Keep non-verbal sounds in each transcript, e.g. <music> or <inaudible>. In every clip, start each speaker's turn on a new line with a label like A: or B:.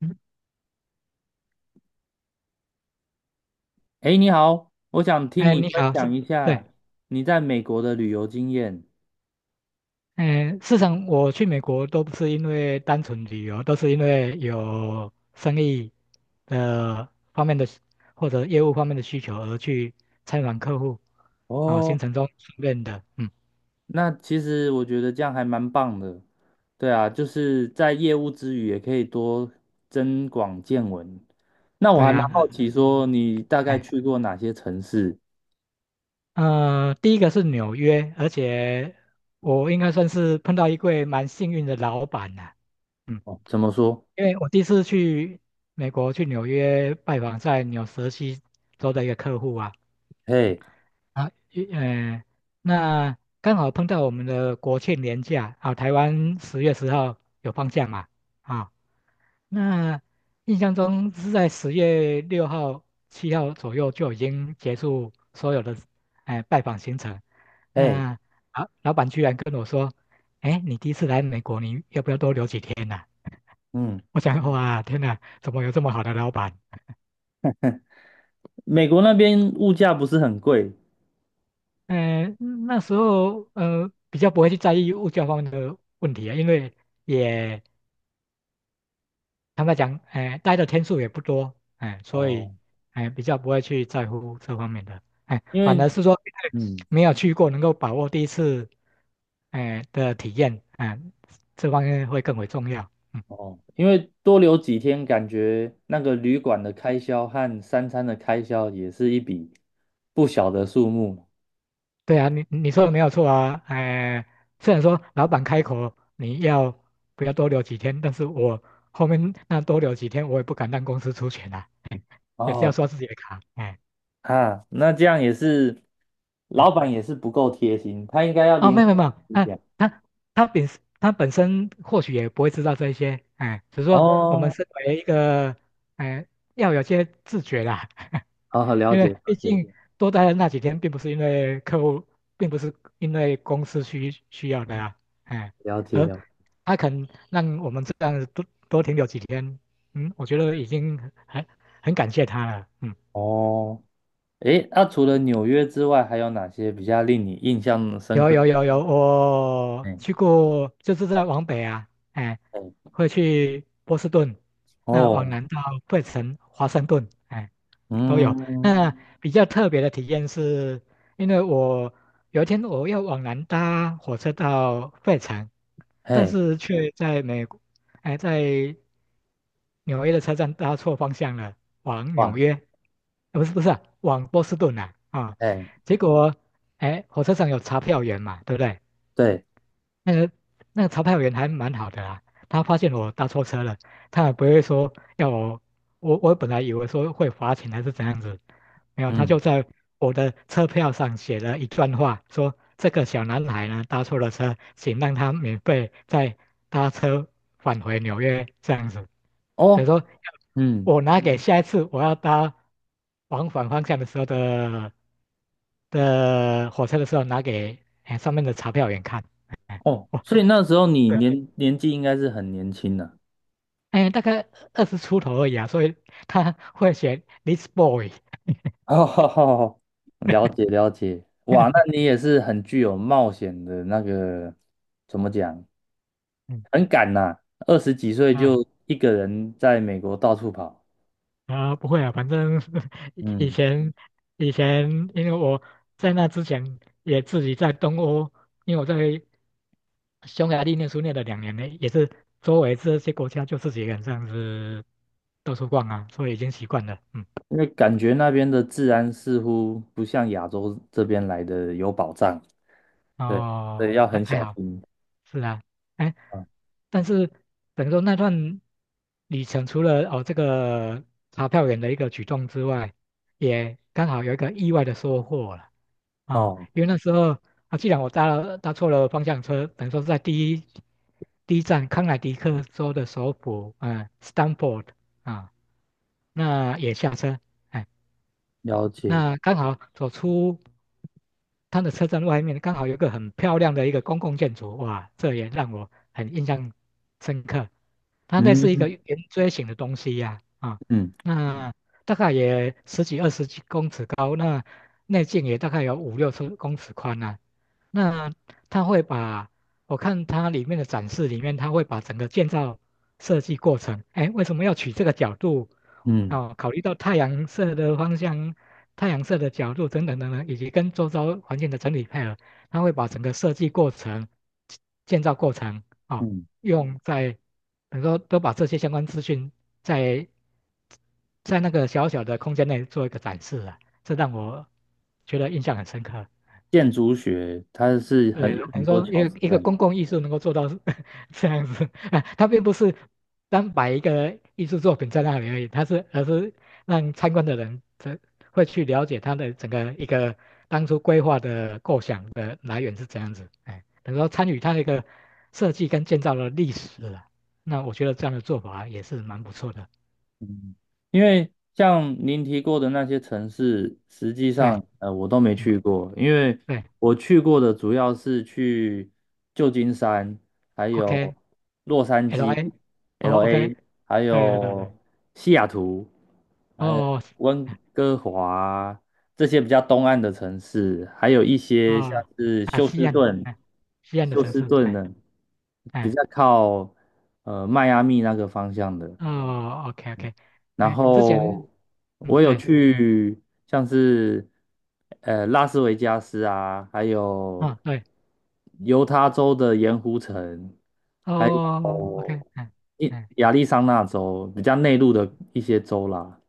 A: 嗯，
B: 哎，你好，我想听
A: 哎，
B: 你
A: 你
B: 分
A: 好，
B: 享
A: 是，
B: 一
A: 对，
B: 下你在美国的旅游经验。
A: 哎，事实上我去美国都不是因为单纯旅游，都是因为有生意的方面的需或者业务方面的需求而去参访客户，啊、行
B: 哦，
A: 程中训练的，嗯，
B: 那其实我觉得这样还蛮棒的。对啊，就是在业务之余也可以多增广见闻。那我
A: 对
B: 还蛮
A: 啊，
B: 好奇，说你大概
A: 哎，
B: 去过哪些城市？
A: 第一个是纽约，而且我应该算是碰到一位蛮幸运的老板呐、嗯，
B: 哦，怎么说？
A: 因为我第一次去美国去纽约拜访在纽泽西州的一个客户啊。
B: 嘿，
A: 啊，一呃，那刚好碰到我们的国庆年假啊，台湾十月十号有放假嘛？啊，那印象中是在十月六号、七号左右就已经结束所有的哎、拜访行程。
B: 嘿，
A: 那啊，老板居然跟我说，哎，你第一次来美国，你要不要多留几天呢？"
B: 嗯，
A: <laughs> 我想，哇，天哪，怎么有这么好的老板？
B: 美国那边物价不是很贵？
A: 那时候比较不会去在意物价方面的问题啊，因为也坦白讲，哎、待的天数也不多，哎、所以
B: 哦，
A: 哎、比较不会去在乎这方面的，哎、
B: 因
A: 反
B: 为
A: 而是说因为
B: 嗯。
A: 没有去过，能够把握第一次，哎、的体验，哎、这方面会更为重要。嗯，
B: 哦，因为多留几天，感觉那个旅馆的开销和三餐的开销也是一笔不小的数目。
A: 对啊，你说的没有错啊，哎、虽然说老板开口你要不要多留几天，但是我后面那多留几天，我也不敢让公司出钱啊。也是要
B: 哦，
A: 刷自己的卡，哎，
B: 啊，那这样也是，
A: 嗯，
B: 老板也是不够贴心，他应该要
A: 哦，
B: 临
A: 没有没有
B: 时
A: 没有，
B: 一
A: 啊，
B: 下。
A: 他本他本身或许也不会知道这一些，哎，只是说我们
B: 哦，
A: 身为一个，哎，要有些自觉啦，<laughs>
B: 好好了
A: 因为
B: 解
A: 毕
B: 了解
A: 竟多待了那几天，并不是因为客户，并不是因为公司需要的呀，哎，
B: 了解
A: 而
B: 了。
A: 他肯让我们这样多多停留几天，嗯，我觉得已经很很感谢他了，嗯，
B: 哦，诶，那，除了纽约之外，还有哪些比较令你印象深
A: 有
B: 刻？
A: 有有有，我
B: 嗯，
A: 去过，就是在往北啊，哎，
B: 哎，
A: 会去波士顿，那往
B: 哦，
A: 南到费城、华盛顿，哎，都有。
B: 嗯，
A: 那比较特别的体验是，因为我有一天我要往南搭火车到费城，但
B: 嘿，
A: 是却在美国，哎，在纽约的车站搭错方向了，往
B: 哇，
A: 纽约，不是不是啊往波士顿啊啊，
B: 哎，
A: 结果哎，火车上有查票员嘛，对不对？
B: 对，
A: 那个那个查票员还蛮好的啦，他发现我搭错车了，他也不会说要我，我本来以为说会罚钱还是怎样子，没有，他就
B: 嗯，
A: 在我的车票上写了一段话，说这个小男孩呢搭错了车，请让他免费再搭车返回纽约这样子，等于
B: 哦，
A: 说
B: 嗯。
A: 我拿给下一次我要搭往返方向的时候的火车的时候拿给哎上面的查票员看。哎
B: 哦，
A: 哇，
B: 所以那时候你
A: 对，
B: 年纪应该是很年轻的。
A: 哎，大概二十出头而已啊，所以他 <laughs> 会选 this boy。
B: <laughs> 哦，了解了解，哇，那
A: <laughs>
B: 你也是很具有冒险的那个，怎么讲，
A: 嗯
B: 很敢呐，二十几岁
A: 啊
B: 就一个人在美国到处跑。
A: 啊，不会啊，反正 <laughs> 以
B: 嗯，
A: 前以前，因为我在那之前也自己在东欧，因为我在匈牙利念书念了两年呢，也是周围这些国家就自己一个人这样子到处逛啊，所以已经习惯了。嗯，
B: 因为感觉那边的治安似乎不像亚洲这边来的有保障，对，所
A: 哦，
B: 以要
A: 还
B: 很
A: 还
B: 小
A: 好。
B: 心
A: 是啊，哎，
B: 啊。
A: 但是等于说那段旅程，除了哦这个查票员的一个举动之外，也刚好有一个意外的收获了啊、
B: 哦，
A: 因为那时候啊，既然我搭错了方向车，等于说是在第一站康乃狄克州的首府，嗯、s t a n f o r d 啊，那也下车，哎，
B: 了解，
A: 那刚好走出。它的车站外面刚好有一个很漂亮的一个公共建筑，哇，这也让我很印象深刻。它那是一个
B: 嗯
A: 圆锥形的东西呀、啊，
B: 嗯
A: 那大概也十几二十几公尺高，那内径也大概有五六十公尺宽啊。那它会把，我看它里面的展示里面，它会把整个建造设计过程，哎，为什么要取这个角度？
B: 嗯
A: 哦，考虑到太阳射的方向、太阳射的角度等等等等，以及跟周遭环境的整体配合，它会把整个设计过程、建建造过程哦，
B: 嗯。
A: 用在等于说都把这些相关资讯在在那个小小的空间内做一个展示啊，这让我觉得印象很深刻。
B: 建筑学它是很
A: 对，
B: 有很
A: 你
B: 多
A: 说
B: 巧
A: 一个
B: 思
A: 一个
B: 在里。
A: 公共艺术能够做到是 <laughs> 这样子，<laughs> 啊，它并不是单摆一个艺术作品在那里而已，而是让参观的人才会去了解它的整个一个当初规划的构想的来源是怎样子，哎，等于说参与它的一个设计跟建造的历史了。那我觉得这样的做法也是蛮不错的。
B: 嗯，因为像您提过的那些城市，实际
A: 对，
B: 上我都没
A: 嗯，
B: 去过。因为
A: 对
B: 我去过的主要是去旧金山，还有洛杉
A: ，OK，LA，
B: 矶、
A: 哦，OK,
B: LA，还
A: 对对对对，
B: 有西雅图，还有
A: 哦。
B: 温哥华，这些比较东岸的城市。还有一些像
A: 哦，
B: 是
A: 啊，
B: 休
A: 西
B: 斯
A: 安，
B: 顿、
A: 哎，西安的
B: 休
A: 城
B: 斯
A: 市，
B: 顿
A: 哎，
B: 的比
A: 哎，
B: 较靠迈阿密那个方向的。
A: 哦，OK OK,
B: 然
A: 哎，之
B: 后
A: 前，嗯，
B: 我有
A: 对，
B: 去像是拉斯维加斯啊，还有
A: 嗯，对，
B: 犹他州的盐湖城，还有
A: 哦，OK,哎，嗯
B: 亚利桑那州比较内陆的一些州啦。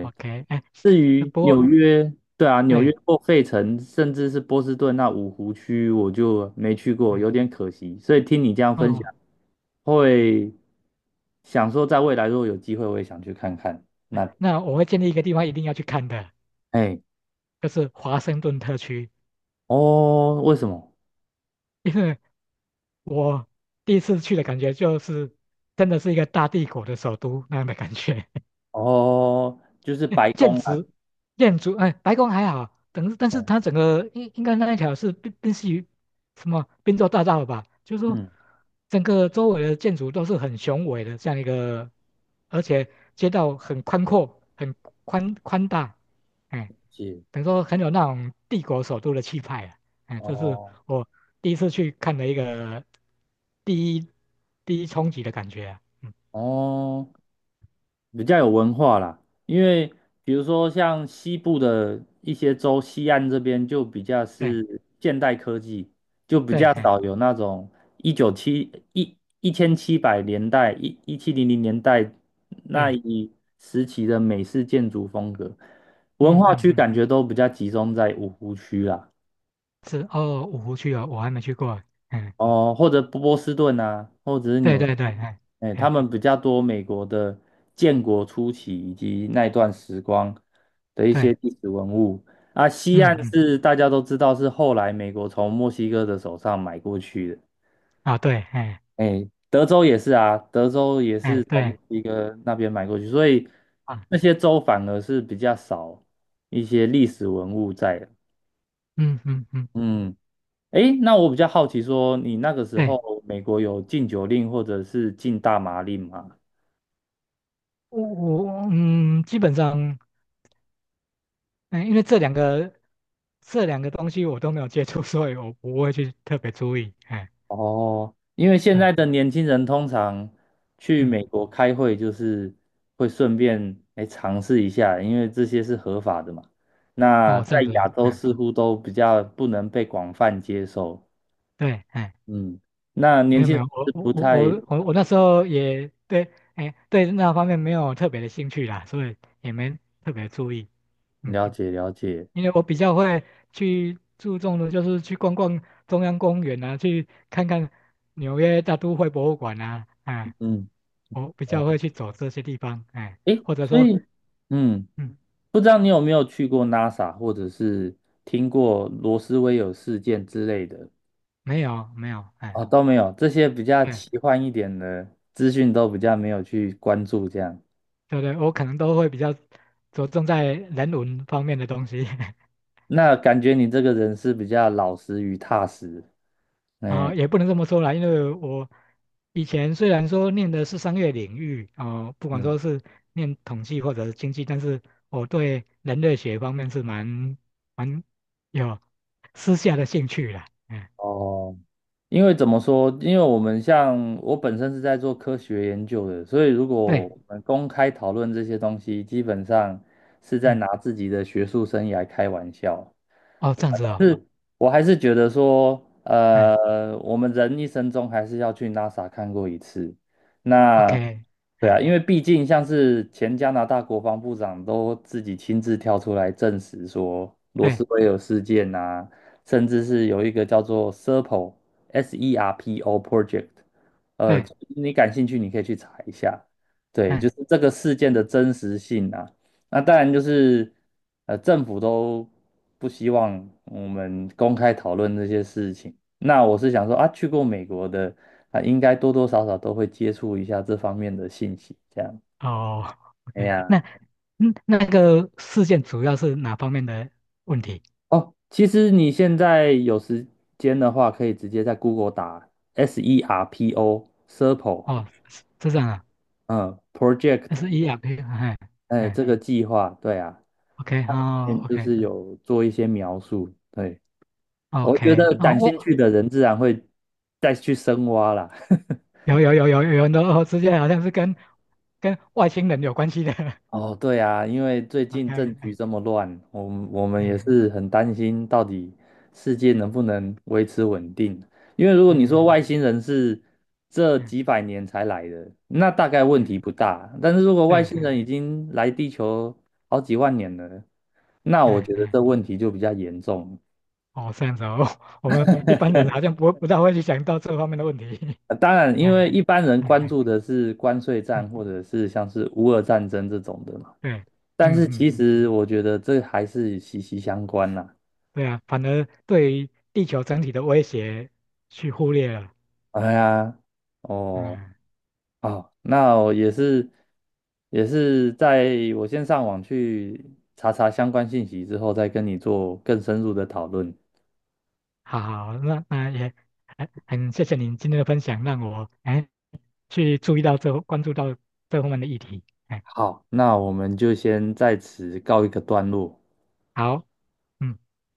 A: o k 哎，
B: 至于
A: 不过，
B: 纽约，对啊，纽约
A: 对，
B: 或费城，甚至是波士顿那五湖区，我就没去过，
A: 嗯，
B: 有点可惜。所以听你这样分
A: 哦，
B: 享，会想说在未来如果有机会，我也想去看看那。
A: 那我会建立一个地方一定要去看的，
B: 哎。
A: 就是华盛顿特区，
B: 哦，为什么？
A: 因为我第一次去的感觉就是真的是一个大帝国的首都那样的感觉，
B: 哦，就是白
A: <laughs> 建
B: 宫啊，
A: 筑，建筑，哎，白宫还好，等，但
B: 嗯
A: 是它整个应该那一条是宾夕于什么宾州大道吧？就是说，
B: 嗯，
A: 整个周围的建筑都是很雄伟的，这样一个，而且街道很宽阔，很宽宽大，哎，
B: 是，
A: 等于说很有那种帝国首都的气派啊，哎，这是
B: 哦
A: 我第一次去看的一个第一第一冲击的感觉啊，嗯，
B: 哦，比较有文化啦。因为比如说像西部的一些州，西岸这边就比较
A: 对
B: 是现代科技，就比
A: 对，
B: 较
A: 哎
B: 少有那种一九七一一千七百年代一一七零零年代那
A: 对，
B: 一时期的美式建筑风格。文
A: 嗯
B: 化
A: 嗯
B: 区
A: 嗯。
B: 感觉都比较集中在五湖区啦。
A: 是哦，五湖区哦，我还没去过。嗯，
B: 哦，或者波士顿啊，或者是
A: 对
B: 纽，
A: 对对，哎
B: 哎，他
A: 哎
B: 们比较多美国的建国初期以及那一段时光的一
A: 对，
B: 些历史文物啊。西
A: 嗯
B: 岸
A: 嗯
B: 是大家都知道是后来美国从墨西哥的手上买过去的，
A: 啊对，哎
B: 哎，德州也是啊，德州也
A: 哎
B: 是从墨
A: 对
B: 西哥那边买过去，所以
A: 啊，
B: 那些州反而是比较少一些历史文物在的，
A: 嗯嗯嗯，
B: 嗯。诶，那我比较好奇说，你那个时
A: 对，
B: 候美国有禁酒令或者是禁大麻令吗？
A: 我嗯，基本上，嗯，因为这两个东西我都没有接触，<laughs> 所以我不会去特别注意。哎，
B: 哦，因为现
A: 对，
B: 在的年轻人通常去
A: 嗯，
B: 美国开会，就是会顺便来尝试一下，因为这些是合法的嘛。那
A: 哦，
B: 在
A: 这样子
B: 亚
A: 啊，
B: 洲
A: 哎
B: 似乎都比较不能被广泛接受，
A: 对，哎，
B: 嗯，那年
A: 没有
B: 轻
A: 没有，
B: 人是不太
A: 我那时候也对，哎对那方面没有特别的兴趣啦，所以也没特别注意。嗯。
B: 了解了解，
A: 因为我比较会去注重的就是去逛逛中央公园啊，去看看纽约大都会博物馆啊，哎，
B: 嗯，
A: 我比较会去走这些地方，哎，
B: 哎，
A: 或者
B: 所
A: 说，
B: 以。嗯。
A: 嗯，
B: 不知道你有没有去过 NASA，或者是听过罗斯威尔事件之类的
A: 没有没有，哎，
B: 啊？都没有，这些比较奇
A: 对
B: 幻一点的资讯都比较没有去关注。这样，
A: 对对，我可能都会比较着重在人文方面的东西。<laughs>
B: 那感觉你这个人是比较老实与踏实。哎，
A: 啊，也不能这么说啦，因为我以前虽然说念的是商业领域啊、不管
B: 嗯，
A: 说是念统计或者是经济，但是我对人类学方面是蛮有私下的兴趣啦。嗯，
B: 哦，因为怎么说？因为我们像我本身是在做科学研究的，所以如果
A: 对，
B: 我们公开讨论这些东西，基本上是
A: 嗯，
B: 在
A: 嗯
B: 拿自己的学术生涯开玩笑。
A: 哦，这样子哦，
B: 我还是觉得说，
A: 嗯
B: 我们人一生中还是要去 NASA 看过一次。那
A: ，OK,
B: 对啊，
A: 哎，
B: 因为毕竟像是前加拿大国防部长都自己亲自跳出来证实说罗斯
A: 对
B: 威尔事件啊，甚至是有一个叫做 SERPO（S-E-R-P-O） project，呃，
A: 对，
B: 你感兴趣你可以去查一下。对，就
A: 嗯，
B: 是这个事件的真实性啊。那当然就是，政府都不希望我们公开讨论这些事情。那我是想说啊，去过美国的啊，应该多多少少都会接触一下这方面的信息。这样，
A: 哦
B: 哎
A: ，OK,那
B: 呀，
A: 嗯那个事件主要是哪方面的问题？
B: 哦，其实你现在有时间的话，可以直接在 Google 打 SERPO SERPO，
A: 哦，是是这样啊，
B: 嗯
A: 那
B: ，Project，
A: 是 ERP,哎
B: 哎，
A: 哎
B: 这个计划，对啊，
A: ，OK,哦
B: 嗯就
A: ，OK。
B: 是有做一些描述。对。我觉
A: OK,
B: 得
A: 哦，
B: 感兴
A: 我
B: 趣的人自然会再去深挖啦。<laughs>
A: 有很多哦，事件好像是跟跟外星人有关系的。<laughs>
B: 哦，对啊，因为最
A: OK,
B: 近政局
A: 嗯
B: 这么乱，我们也
A: 嗯
B: 是很担心到底世界能不能维持稳定。因为如果你说
A: 嗯
B: 外星人是这
A: 嗯
B: 几百年才来的，那大概问
A: 嗯，
B: 题不大。但是如果
A: 对，
B: 外星
A: 嗯
B: 人已经来地球好几万年了，那我
A: 嗯
B: 觉得
A: 嗯，
B: 这问题就比较严重。
A: 哦，这样子哦，<laughs> 我们一般人
B: <laughs>
A: 好像不大会去想到这方面的问题。
B: 当然，
A: <laughs> 嗯
B: 因为一般人
A: 嗯
B: 关
A: 嗯
B: 注的是关税战
A: 嗯，
B: 或者是像是乌俄战争这种的嘛，
A: 对，
B: 但
A: 嗯
B: 是
A: 嗯
B: 其
A: 嗯，
B: 实我觉得这还是息息相关啦。
A: 对啊，反而对于地球整体的威胁去忽略了。
B: 哎呀，哦，
A: 嗯，
B: 哦，那我也是在我先上网去查查相关信息之后，再跟你做更深入的讨论。
A: 好，那那也很谢谢您今天的分享，让我哎去注意到这关注到这方面的议题。哎，
B: 好，那我们就先在此告一个段落。
A: 好，嗯，